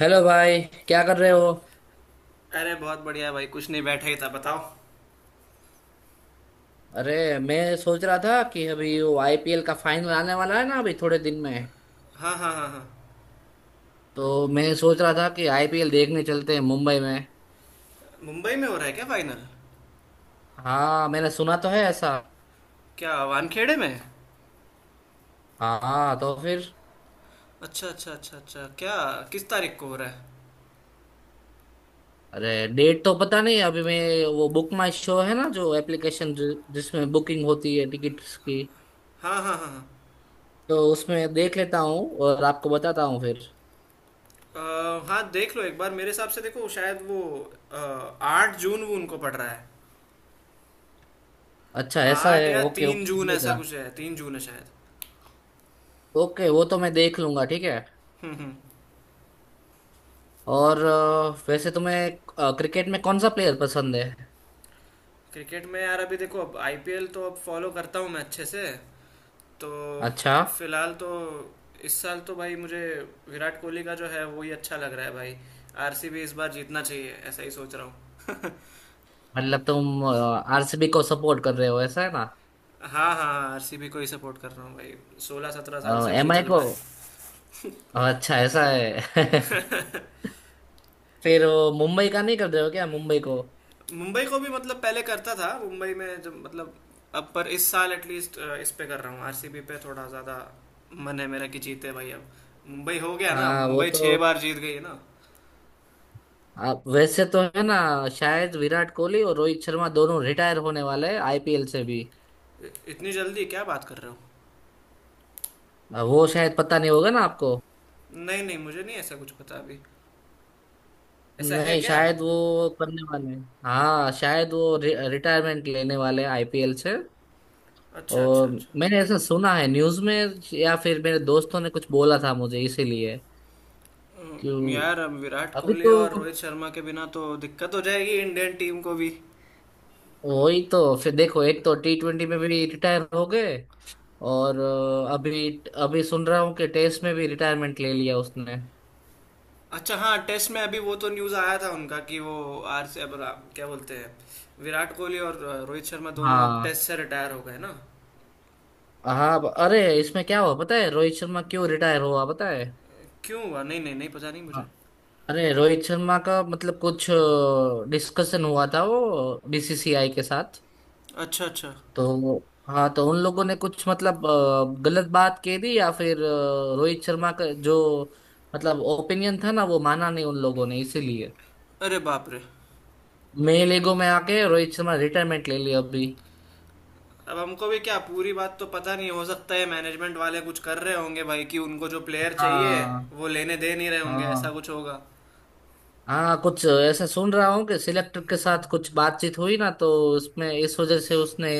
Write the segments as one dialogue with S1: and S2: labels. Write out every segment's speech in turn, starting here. S1: Hello भाई। क्या कर रहे हो?
S2: अरे बहुत बढ़िया भाई, कुछ नहीं, बैठा ही था, बताओ।
S1: अरे मैं सोच रहा था कि अभी वो आईपीएल का फाइनल आने वाला है ना, अभी थोड़े दिन में।
S2: हाँ हाँ हाँ हाँ।
S1: तो मैं सोच रहा था कि आईपीएल देखने चलते हैं मुंबई में।
S2: मुंबई में हो रहा है क्या फाइनल?
S1: हाँ मैंने सुना तो है ऐसा।
S2: क्या वानखेड़े में?
S1: हाँ तो फिर?
S2: अच्छा अच्छा अच्छा अच्छा। क्या, किस तारीख को हो रहा है?
S1: अरे डेट तो पता नहीं अभी। मैं वो बुक माई शो है ना, जो एप्लीकेशन जिसमें बुकिंग होती है टिकट्स की,
S2: हाँ हाँ हाँ हाँ।
S1: तो उसमें देख लेता हूँ और आपको बताता हूँ फिर।
S2: हाँ, देख लो एक बार, मेरे हिसाब से देखो शायद वो अ, 8 जून वो उनको पड़ रहा है।
S1: अच्छा ऐसा
S2: आठ
S1: है,
S2: या
S1: ओके
S2: तीन
S1: ओके
S2: जून ऐसा
S1: चलेगा।
S2: कुछ है, 3 जून है शायद।
S1: ओके वो तो मैं देख लूंगा, ठीक है। और वैसे तुम्हें क्रिकेट में कौन सा प्लेयर पसंद है?
S2: क्रिकेट में यार, अभी देखो, अब आईपीएल तो अब फॉलो करता हूँ मैं अच्छे से, तो
S1: अच्छा,
S2: फिलहाल तो, इस साल तो भाई मुझे विराट कोहली का जो है वो ही अच्छा लग रहा है भाई। आरसीबी इस बार जीतना चाहिए, ऐसा ही सोच रहा हूँ।
S1: मतलब तुम आरसीबी को सपोर्ट कर रहे हो, ऐसा है ना।
S2: हाँ हाँ, आरसीबी को ही सपोर्ट कर रहा हूँ भाई। 16-17 साल से वही
S1: एमआई
S2: चल
S1: को?
S2: रहा है।
S1: अच्छा ऐसा है। फिर वो मुंबई का नहीं कर रहे हो क्या, मुंबई को?
S2: मुंबई को भी मतलब पहले करता था, मुंबई में जब, मतलब अब, पर इस साल एटलीस्ट इस पे कर रहा हूँ, आरसीबी पे थोड़ा ज़्यादा मन है मेरा कि जीते भाई अब। मुंबई हो गया ना,
S1: हाँ वो
S2: मुंबई छह
S1: तो
S2: बार जीत गई है ना।
S1: आप वैसे तो है ना, शायद विराट कोहली और रोहित शर्मा दोनों रिटायर होने वाले हैं आईपीएल से भी।
S2: इतनी जल्दी क्या बात कर रहे हो?
S1: वो शायद पता नहीं होगा ना आपको।
S2: नहीं नहीं, मुझे नहीं ऐसा कुछ पता अभी। ऐसा है
S1: नहीं
S2: क्या?
S1: शायद वो करने वाले हैं, हाँ शायद वो रिटायरमेंट लेने वाले हैं आईपीएल से।
S2: अच्छा अच्छा
S1: और
S2: अच्छा।
S1: मैंने ऐसा सुना है न्यूज़ में, या फिर मेरे दोस्तों ने कुछ बोला था मुझे, इसीलिए। क्यों?
S2: यार, अब विराट
S1: अभी
S2: कोहली
S1: तो
S2: और रोहित शर्मा के बिना तो दिक्कत हो जाएगी इंडियन टीम को भी।
S1: वही तो फिर देखो, एक तो टी ट्वेंटी में भी रिटायर हो गए। और अभी अभी सुन रहा हूँ कि टेस्ट में भी रिटायरमेंट ले लिया उसने।
S2: अच्छा, हाँ, टेस्ट में अभी वो तो न्यूज़ आया था उनका कि वो आर से अब क्या बोलते हैं, विराट कोहली और रोहित शर्मा दोनों अब
S1: हाँ।
S2: टेस्ट से रिटायर हो गए ना।
S1: अरे इसमें क्या हुआ पता है, रोहित शर्मा क्यों रिटायर हुआ पता है?
S2: क्यों हुआ? नहीं नहीं नहीं, पता नहीं मुझे।
S1: हाँ, अरे रोहित शर्मा का मतलब कुछ डिस्कशन हुआ था वो, बीसीसीआई के साथ।
S2: अच्छा अच्छा।
S1: तो हाँ तो उन लोगों ने कुछ मतलब गलत बात कह दी, या फिर रोहित शर्मा का जो मतलब ओपिनियन था ना, वो माना नहीं उन लोगों ने, इसीलिए
S2: अरे बाप रे।
S1: मेल ईगो में आके रोहित शर्मा रिटायरमेंट ले लिया अभी।
S2: अब हमको भी क्या, पूरी बात तो पता नहीं। हो सकता है मैनेजमेंट वाले कुछ कर रहे होंगे भाई कि उनको जो प्लेयर चाहिए
S1: हाँ।
S2: वो लेने दे नहीं रहे होंगे, ऐसा
S1: हाँ
S2: कुछ होगा।
S1: हाँ कुछ ऐसा सुन रहा हूँ कि सिलेक्टर के साथ कुछ बातचीत हुई ना, तो उसमें इस वजह से उसने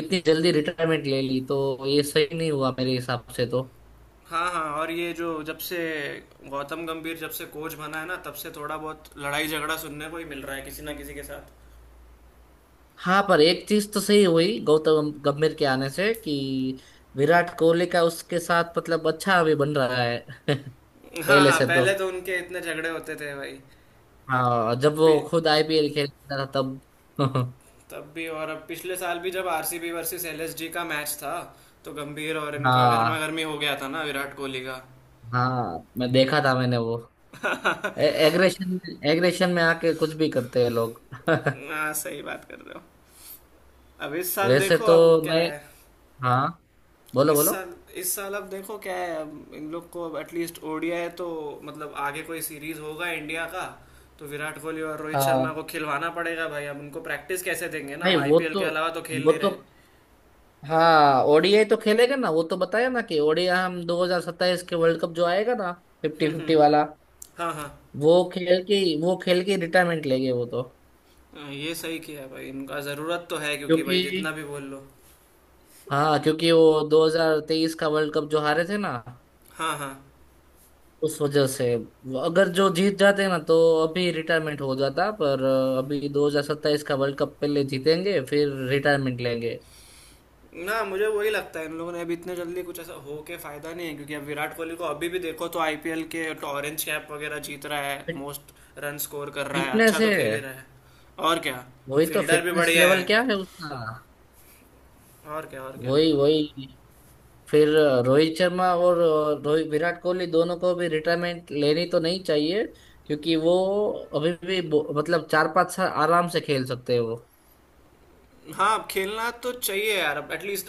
S1: इतनी जल्दी रिटायरमेंट ले ली, तो ये सही नहीं हुआ मेरे हिसाब से तो।
S2: हाँ हाँ, और ये जो जब से गौतम गंभीर जब से कोच बना है ना, तब से थोड़ा बहुत लड़ाई झगड़ा सुनने को ही मिल रहा है किसी ना किसी के साथ।
S1: हाँ पर एक चीज तो सही हुई गौतम गंभीर के आने से कि विराट कोहली का उसके साथ मतलब अच्छा अभी बन रहा है।
S2: हाँ
S1: पहले
S2: हाँ,
S1: से तो।
S2: पहले तो उनके इतने झगड़े होते थे भाई।
S1: हाँ जब वो
S2: पि-
S1: खुद आईपीएल खेलता था तब।
S2: तब भी, और अब पिछले साल भी जब आरसीबी वर्सेस एलएसजी का मैच था, तो गंभीर और इनका गर्मा
S1: हाँ।
S2: गर्मी हो गया था ना, विराट कोहली का।
S1: हाँ मैं देखा था, मैंने वो एग्रेशन, एग्रेशन में आके कुछ भी करते हैं लोग।
S2: हाँ, सही बात कर रहे हो। अब इस साल
S1: वैसे
S2: देखो
S1: तो
S2: अब क्या
S1: मैं,
S2: है।
S1: हाँ बोलो बोलो।
S2: इस साल अब देखो क्या है, अब इन लोग को अब एटलीस्ट ओडीआई तो, मतलब आगे कोई सीरीज होगा इंडिया का, तो विराट कोहली और रोहित शर्मा
S1: हाँ
S2: को खिलवाना पड़ेगा भाई, अब उनको प्रैक्टिस कैसे देंगे ना,
S1: नहीं वो
S2: आईपीएल
S1: तो
S2: के अलावा तो खेल
S1: वो
S2: नहीं
S1: तो,
S2: रहे।
S1: हाँ ओडीआई तो खेलेगा ना, वो तो बताया ना कि ओडीआई हम 2027 के वर्ल्ड कप जो आएगा ना, फिफ्टी फिफ्टी वाला,
S2: हाँ हाँ,
S1: वो खेल के वो खेल के रिटायरमेंट लेंगे वो तो।
S2: हाँ, ये सही किया भाई, इनका ज़रूरत तो है, क्योंकि भाई
S1: क्योंकि,
S2: जितना भी बोल लो।
S1: हाँ क्योंकि वो 2023 का वर्ल्ड कप जो हारे थे ना,
S2: हाँ हाँ,
S1: उस वजह से वो अगर जो जीत जाते ना तो अभी रिटायरमेंट हो जाता, पर अभी 2027 का वर्ल्ड कप पहले जीतेंगे फिर रिटायरमेंट लेंगे।
S2: ना, मुझे वही लगता है, इन लोगों ने अभी इतने जल्दी कुछ ऐसा हो के फायदा नहीं है क्योंकि अब विराट कोहली को अभी भी देखो तो आईपीएल के तो ऑरेंज कैप वगैरह जीत रहा है, मोस्ट रन स्कोर कर रहा है, अच्छा
S1: फिटनेस
S2: तो
S1: है,
S2: खेल ही रहा है, और क्या,
S1: वही तो,
S2: फील्डर भी
S1: फिटनेस
S2: बढ़िया है,
S1: लेवल क्या है उसका।
S2: और क्या, और क्या।
S1: वही वही, फिर रोहित शर्मा और रोहित विराट कोहली दोनों को भी रिटायरमेंट लेनी तो नहीं चाहिए, क्योंकि वो अभी भी मतलब चार पांच साल आराम से खेल सकते हैं वो।
S2: हाँ, अब खेलना तो चाहिए यार, अब एटलीस्ट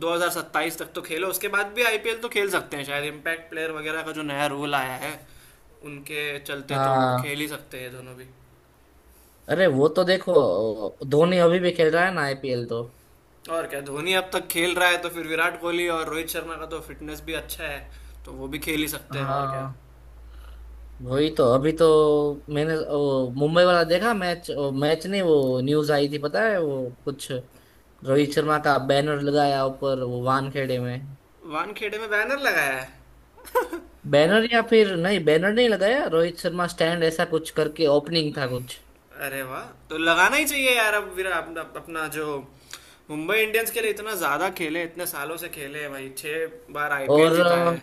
S2: 2027 तक तो खेलो, उसके बाद भी आईपीएल तो खेल सकते हैं शायद, इम्पैक्ट प्लेयर वगैरह का जो नया रूल आया है उनके चलते तो
S1: हाँ।
S2: खेल ही सकते हैं दोनों भी,
S1: अरे वो तो देखो धोनी अभी भी खेल रहा है ना आईपीएल तो।
S2: और क्या, धोनी अब तक खेल रहा है तो फिर विराट कोहली और रोहित शर्मा का तो फिटनेस भी अच्छा है, तो वो भी खेल ही सकते हैं, और क्या।
S1: हाँ वही तो, अभी तो मैंने वो मुंबई वाला देखा मैच, मैच नहीं वो न्यूज आई थी पता है वो कुछ, रोहित शर्मा का बैनर लगाया ऊपर वो वानखेड़े में।
S2: वानखेड़े में बैनर लगाया है?
S1: बैनर, या फिर नहीं बैनर नहीं लगाया, रोहित शर्मा स्टैंड ऐसा कुछ करके ओपनिंग था कुछ।
S2: अरे वाह, तो लगाना ही चाहिए यार। अब विरा अपना अपना जो मुंबई इंडियंस के लिए इतना ज़्यादा खेले, इतने सालों से खेले भाई, 6 बार आईपीएल
S1: और
S2: जिता है।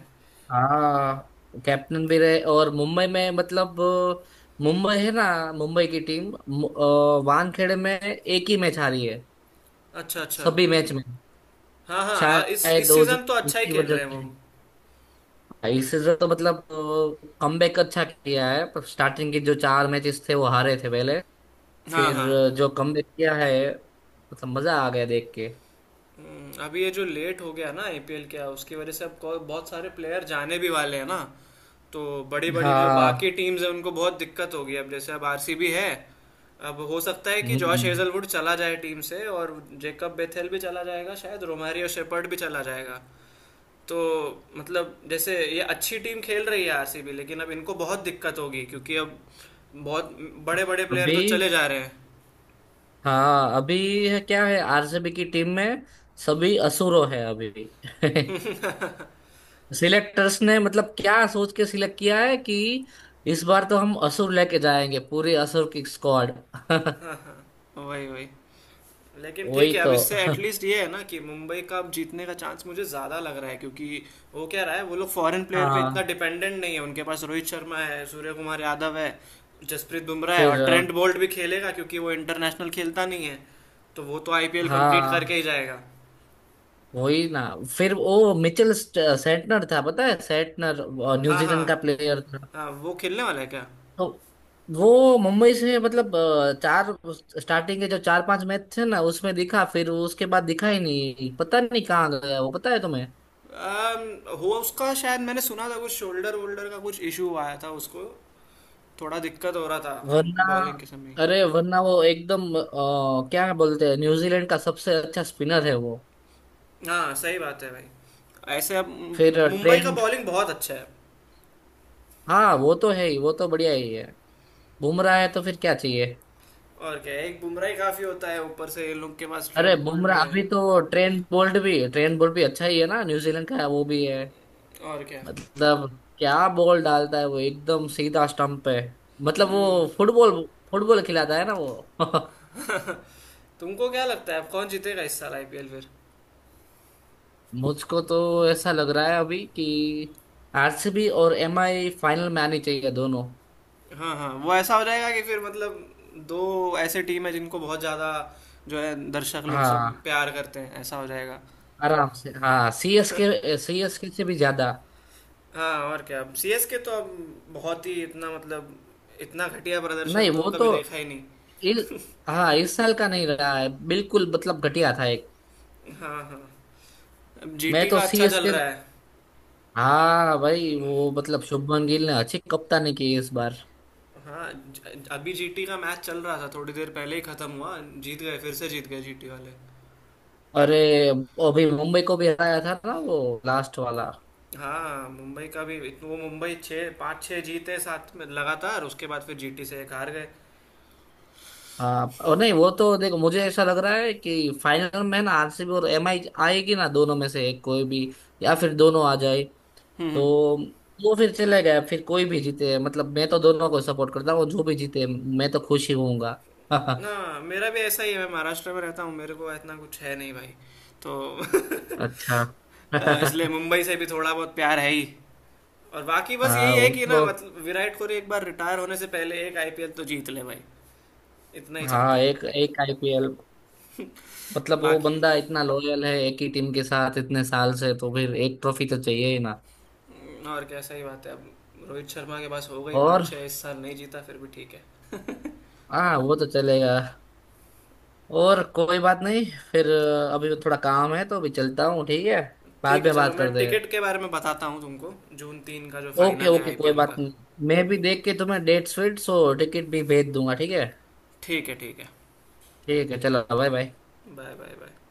S1: हाँ कैप्टन भी रहे और मुंबई में मतलब मुंबई है ना, मुंबई की टीम वानखेड़े में एक ही मैच हारी है,
S2: अच्छा अच्छा।
S1: सभी मैच में।
S2: हाँ हाँ, इस
S1: शायद
S2: इस
S1: वो जो
S2: सीज़न तो अच्छा ही
S1: उसी
S2: खेल
S1: वजह
S2: रहे हैं वो।
S1: से, इस सीजन तो मतलब कमबैक अच्छा किया है, पर स्टार्टिंग के जो चार मैचेस थे वो हारे थे पहले,
S2: हाँ
S1: फिर
S2: हाँ।
S1: जो कमबैक किया है, मतलब मजा आ गया देख के।
S2: अभी ये जो लेट हो गया ना आईपीएल, क्या उसकी वजह से अब बहुत सारे प्लेयर जाने भी वाले हैं ना, तो बड़ी बड़ी जो बाकी
S1: हाँ।
S2: टीम्स हैं उनको बहुत दिक्कत होगी, अब जैसे अब आरसीबी है, अब हो सकता है कि जॉश
S1: हम्म,
S2: हेजलवुड चला जाए टीम से, और जेकब बेथेल भी चला जाएगा शायद, रोमारियो शेपर्ड भी चला जाएगा, तो मतलब जैसे ये अच्छी टीम खेल रही है आरसीबी, लेकिन अब इनको बहुत दिक्कत होगी क्योंकि अब बहुत बड़े बड़े प्लेयर तो
S1: अभी
S2: चले जा रहे हैं।
S1: हाँ अभी है क्या, है आरसीबी की टीम में सभी असुरो है अभी। सिलेक्टर्स ने मतलब क्या सोच के सिलेक्ट किया है कि इस बार तो हम असुर लेके जाएंगे, पूरी असुर की स्क्वाड।
S2: वही वही। लेकिन ठीक
S1: वही
S2: है, अब
S1: तो।
S2: इससे एटलीस्ट ये है ना कि मुंबई का अब जीतने का चांस मुझे ज़्यादा लग रहा है क्योंकि वो क्या रहा है, वो लोग फॉरेन प्लेयर पे इतना
S1: हाँ
S2: डिपेंडेंट नहीं है, उनके पास रोहित शर्मा है, सूर्य कुमार यादव है, जसप्रीत बुमराह है, और
S1: फिर
S2: ट्रेंट बोल्ट भी खेलेगा क्योंकि वो इंटरनेशनल खेलता नहीं है, तो वो तो आईपीएल कंप्लीट करके
S1: हाँ
S2: ही जाएगा।
S1: वही ना, फिर वो सेंटनर था पता है, सेंटनर
S2: हाँ हाँ,
S1: न्यूजीलैंड का प्लेयर।
S2: हाँ वो खेलने वाला है क्या?
S1: तो वो मुंबई से मतलब चार, स्टार्टिंग के जो चार पांच मैच थे ना उसमें दिखा, फिर उसके बाद दिखा ही नहीं, पता नहीं कहाँ गया वो, पता है तुम्हें?
S2: अम, हुआ उसका शायद, मैंने सुना था कुछ शोल्डर वोल्डर का कुछ इशू आया था उसको, थोड़ा दिक्कत हो रहा था
S1: वरना,
S2: बॉलिंग के समय।
S1: अरे वरना वो एकदम क्या बोलते हैं, न्यूजीलैंड का सबसे अच्छा स्पिनर है वो।
S2: हाँ, सही बात है भाई, ऐसे अब
S1: फिर
S2: मुंबई का
S1: ट्रेंट,
S2: बॉलिंग बहुत अच्छा है,
S1: हाँ वो तो है ही, वो तो बढ़िया ही है। बुमराह है तो फिर क्या चाहिए।
S2: और क्या है, एक बुमराह ही काफी होता है, ऊपर से इन लोग के पास
S1: अरे
S2: ट्रेंट बोल्ट भी
S1: बुमराह,
S2: है,
S1: अभी तो ट्रेंट बोल्ट भी, ट्रेंट बोल्ट भी अच्छा ही है ना, न्यूजीलैंड का है वो भी है।
S2: और क्या।
S1: मतलब क्या बॉल डालता है वो, एकदम सीधा स्टंप पे। मतलब वो फुटबॉल, फुटबॉल खिलाता है ना वो।
S2: तुमको क्या लगता है अब कौन जीतेगा इस साल आईपीएल फिर?
S1: मुझको तो ऐसा लग रहा है अभी कि आरसीबी और एमआई फाइनल में आनी चाहिए दोनों।
S2: हाँ हाँ, वो ऐसा हो जाएगा कि फिर मतलब दो ऐसे टीम है जिनको बहुत ज्यादा, जो है, दर्शक लोग सब
S1: हाँ
S2: प्यार करते हैं, ऐसा हो जाएगा।
S1: आराम से, हाँ सीएसके, सीएसके से भी ज्यादा।
S2: हाँ, और क्या, अब सीएसके तो अब बहुत ही, इतना मतलब, इतना घटिया प्रदर्शन
S1: नहीं
S2: तो
S1: वो
S2: कभी
S1: तो
S2: देखा ही नहीं।
S1: इस, हाँ इस साल का नहीं रहा है बिल्कुल, मतलब घटिया था एक।
S2: हाँ हाँ, अब
S1: मैं
S2: जीटी
S1: तो
S2: का अच्छा चल
S1: सीएसके,
S2: रहा है।
S1: हाँ भाई वो मतलब शुभमन गिल ने अच्छी कप्तानी की इस बार।
S2: हाँ, अभी जीटी का मैच चल रहा था, थोड़ी देर पहले ही खत्म हुआ, जीत गए, फिर से जीत गए जीटी वाले।
S1: अरे अभी मुंबई को भी हराया था ना वो लास्ट वाला।
S2: हाँ, मुंबई का भी वो, मुंबई छः पाँच छः जीते साथ में लगातार, उसके बाद फिर जीटी से एक हार गए।
S1: हाँ और नहीं वो तो देखो मुझे ऐसा लग रहा है कि फाइनल में ना आरसीबी और एमआई आएगी ना, दोनों में से एक कोई भी, या फिर दोनों आ जाए
S2: हम्म
S1: तो,
S2: हम्म।
S1: वो फिर चले गए, फिर कोई भी जीते, मतलब मैं तो दोनों को सपोर्ट करता हूँ, जो भी जीते मैं तो खुश ही होऊंगा।
S2: ना, मेरा भी ऐसा ही है, मैं महाराष्ट्र में रहता हूँ, मेरे को इतना कुछ है नहीं भाई, तो
S1: अच्छा।
S2: इसलिए मुंबई से भी थोड़ा बहुत प्यार है ही, और बाकी बस यही
S1: हाँ
S2: है
S1: वो
S2: कि, ना,
S1: तो,
S2: मतलब विराट कोहली एक बार रिटायर होने से पहले एक आईपीएल तो जीत ले भाई, इतना ही चाहते
S1: हाँ
S2: हैं
S1: एक एक आईपीएल, मतलब वो
S2: बाकी।
S1: बंदा इतना लॉयल है एक ही टीम के साथ इतने साल से, तो फिर एक ट्रॉफी तो चाहिए ही ना।
S2: और क्या, सही बात है, अब रोहित शर्मा के पास हो गई पाँच
S1: और
S2: छः इस साल नहीं जीता फिर भी ठीक है।
S1: हाँ वो तो चलेगा, और कोई बात नहीं। फिर अभी थोड़ा काम है तो अभी चलता हूँ, ठीक है
S2: ठीक
S1: बाद
S2: है,
S1: में
S2: चलो,
S1: बात
S2: मैं
S1: करते हैं।
S2: टिकट के बारे में बताता हूँ तुमको, जून 3 का जो
S1: ओके
S2: फाइनल है
S1: ओके कोई
S2: आईपीएल
S1: बात
S2: का।
S1: नहीं, मैं भी देख के तुम्हें डेट्स फिट्स और टिकट भी भेज दूंगा, ठीक है।
S2: ठीक है ठीक है।
S1: ठीक है चलो bye bye.
S2: Bye bye bye.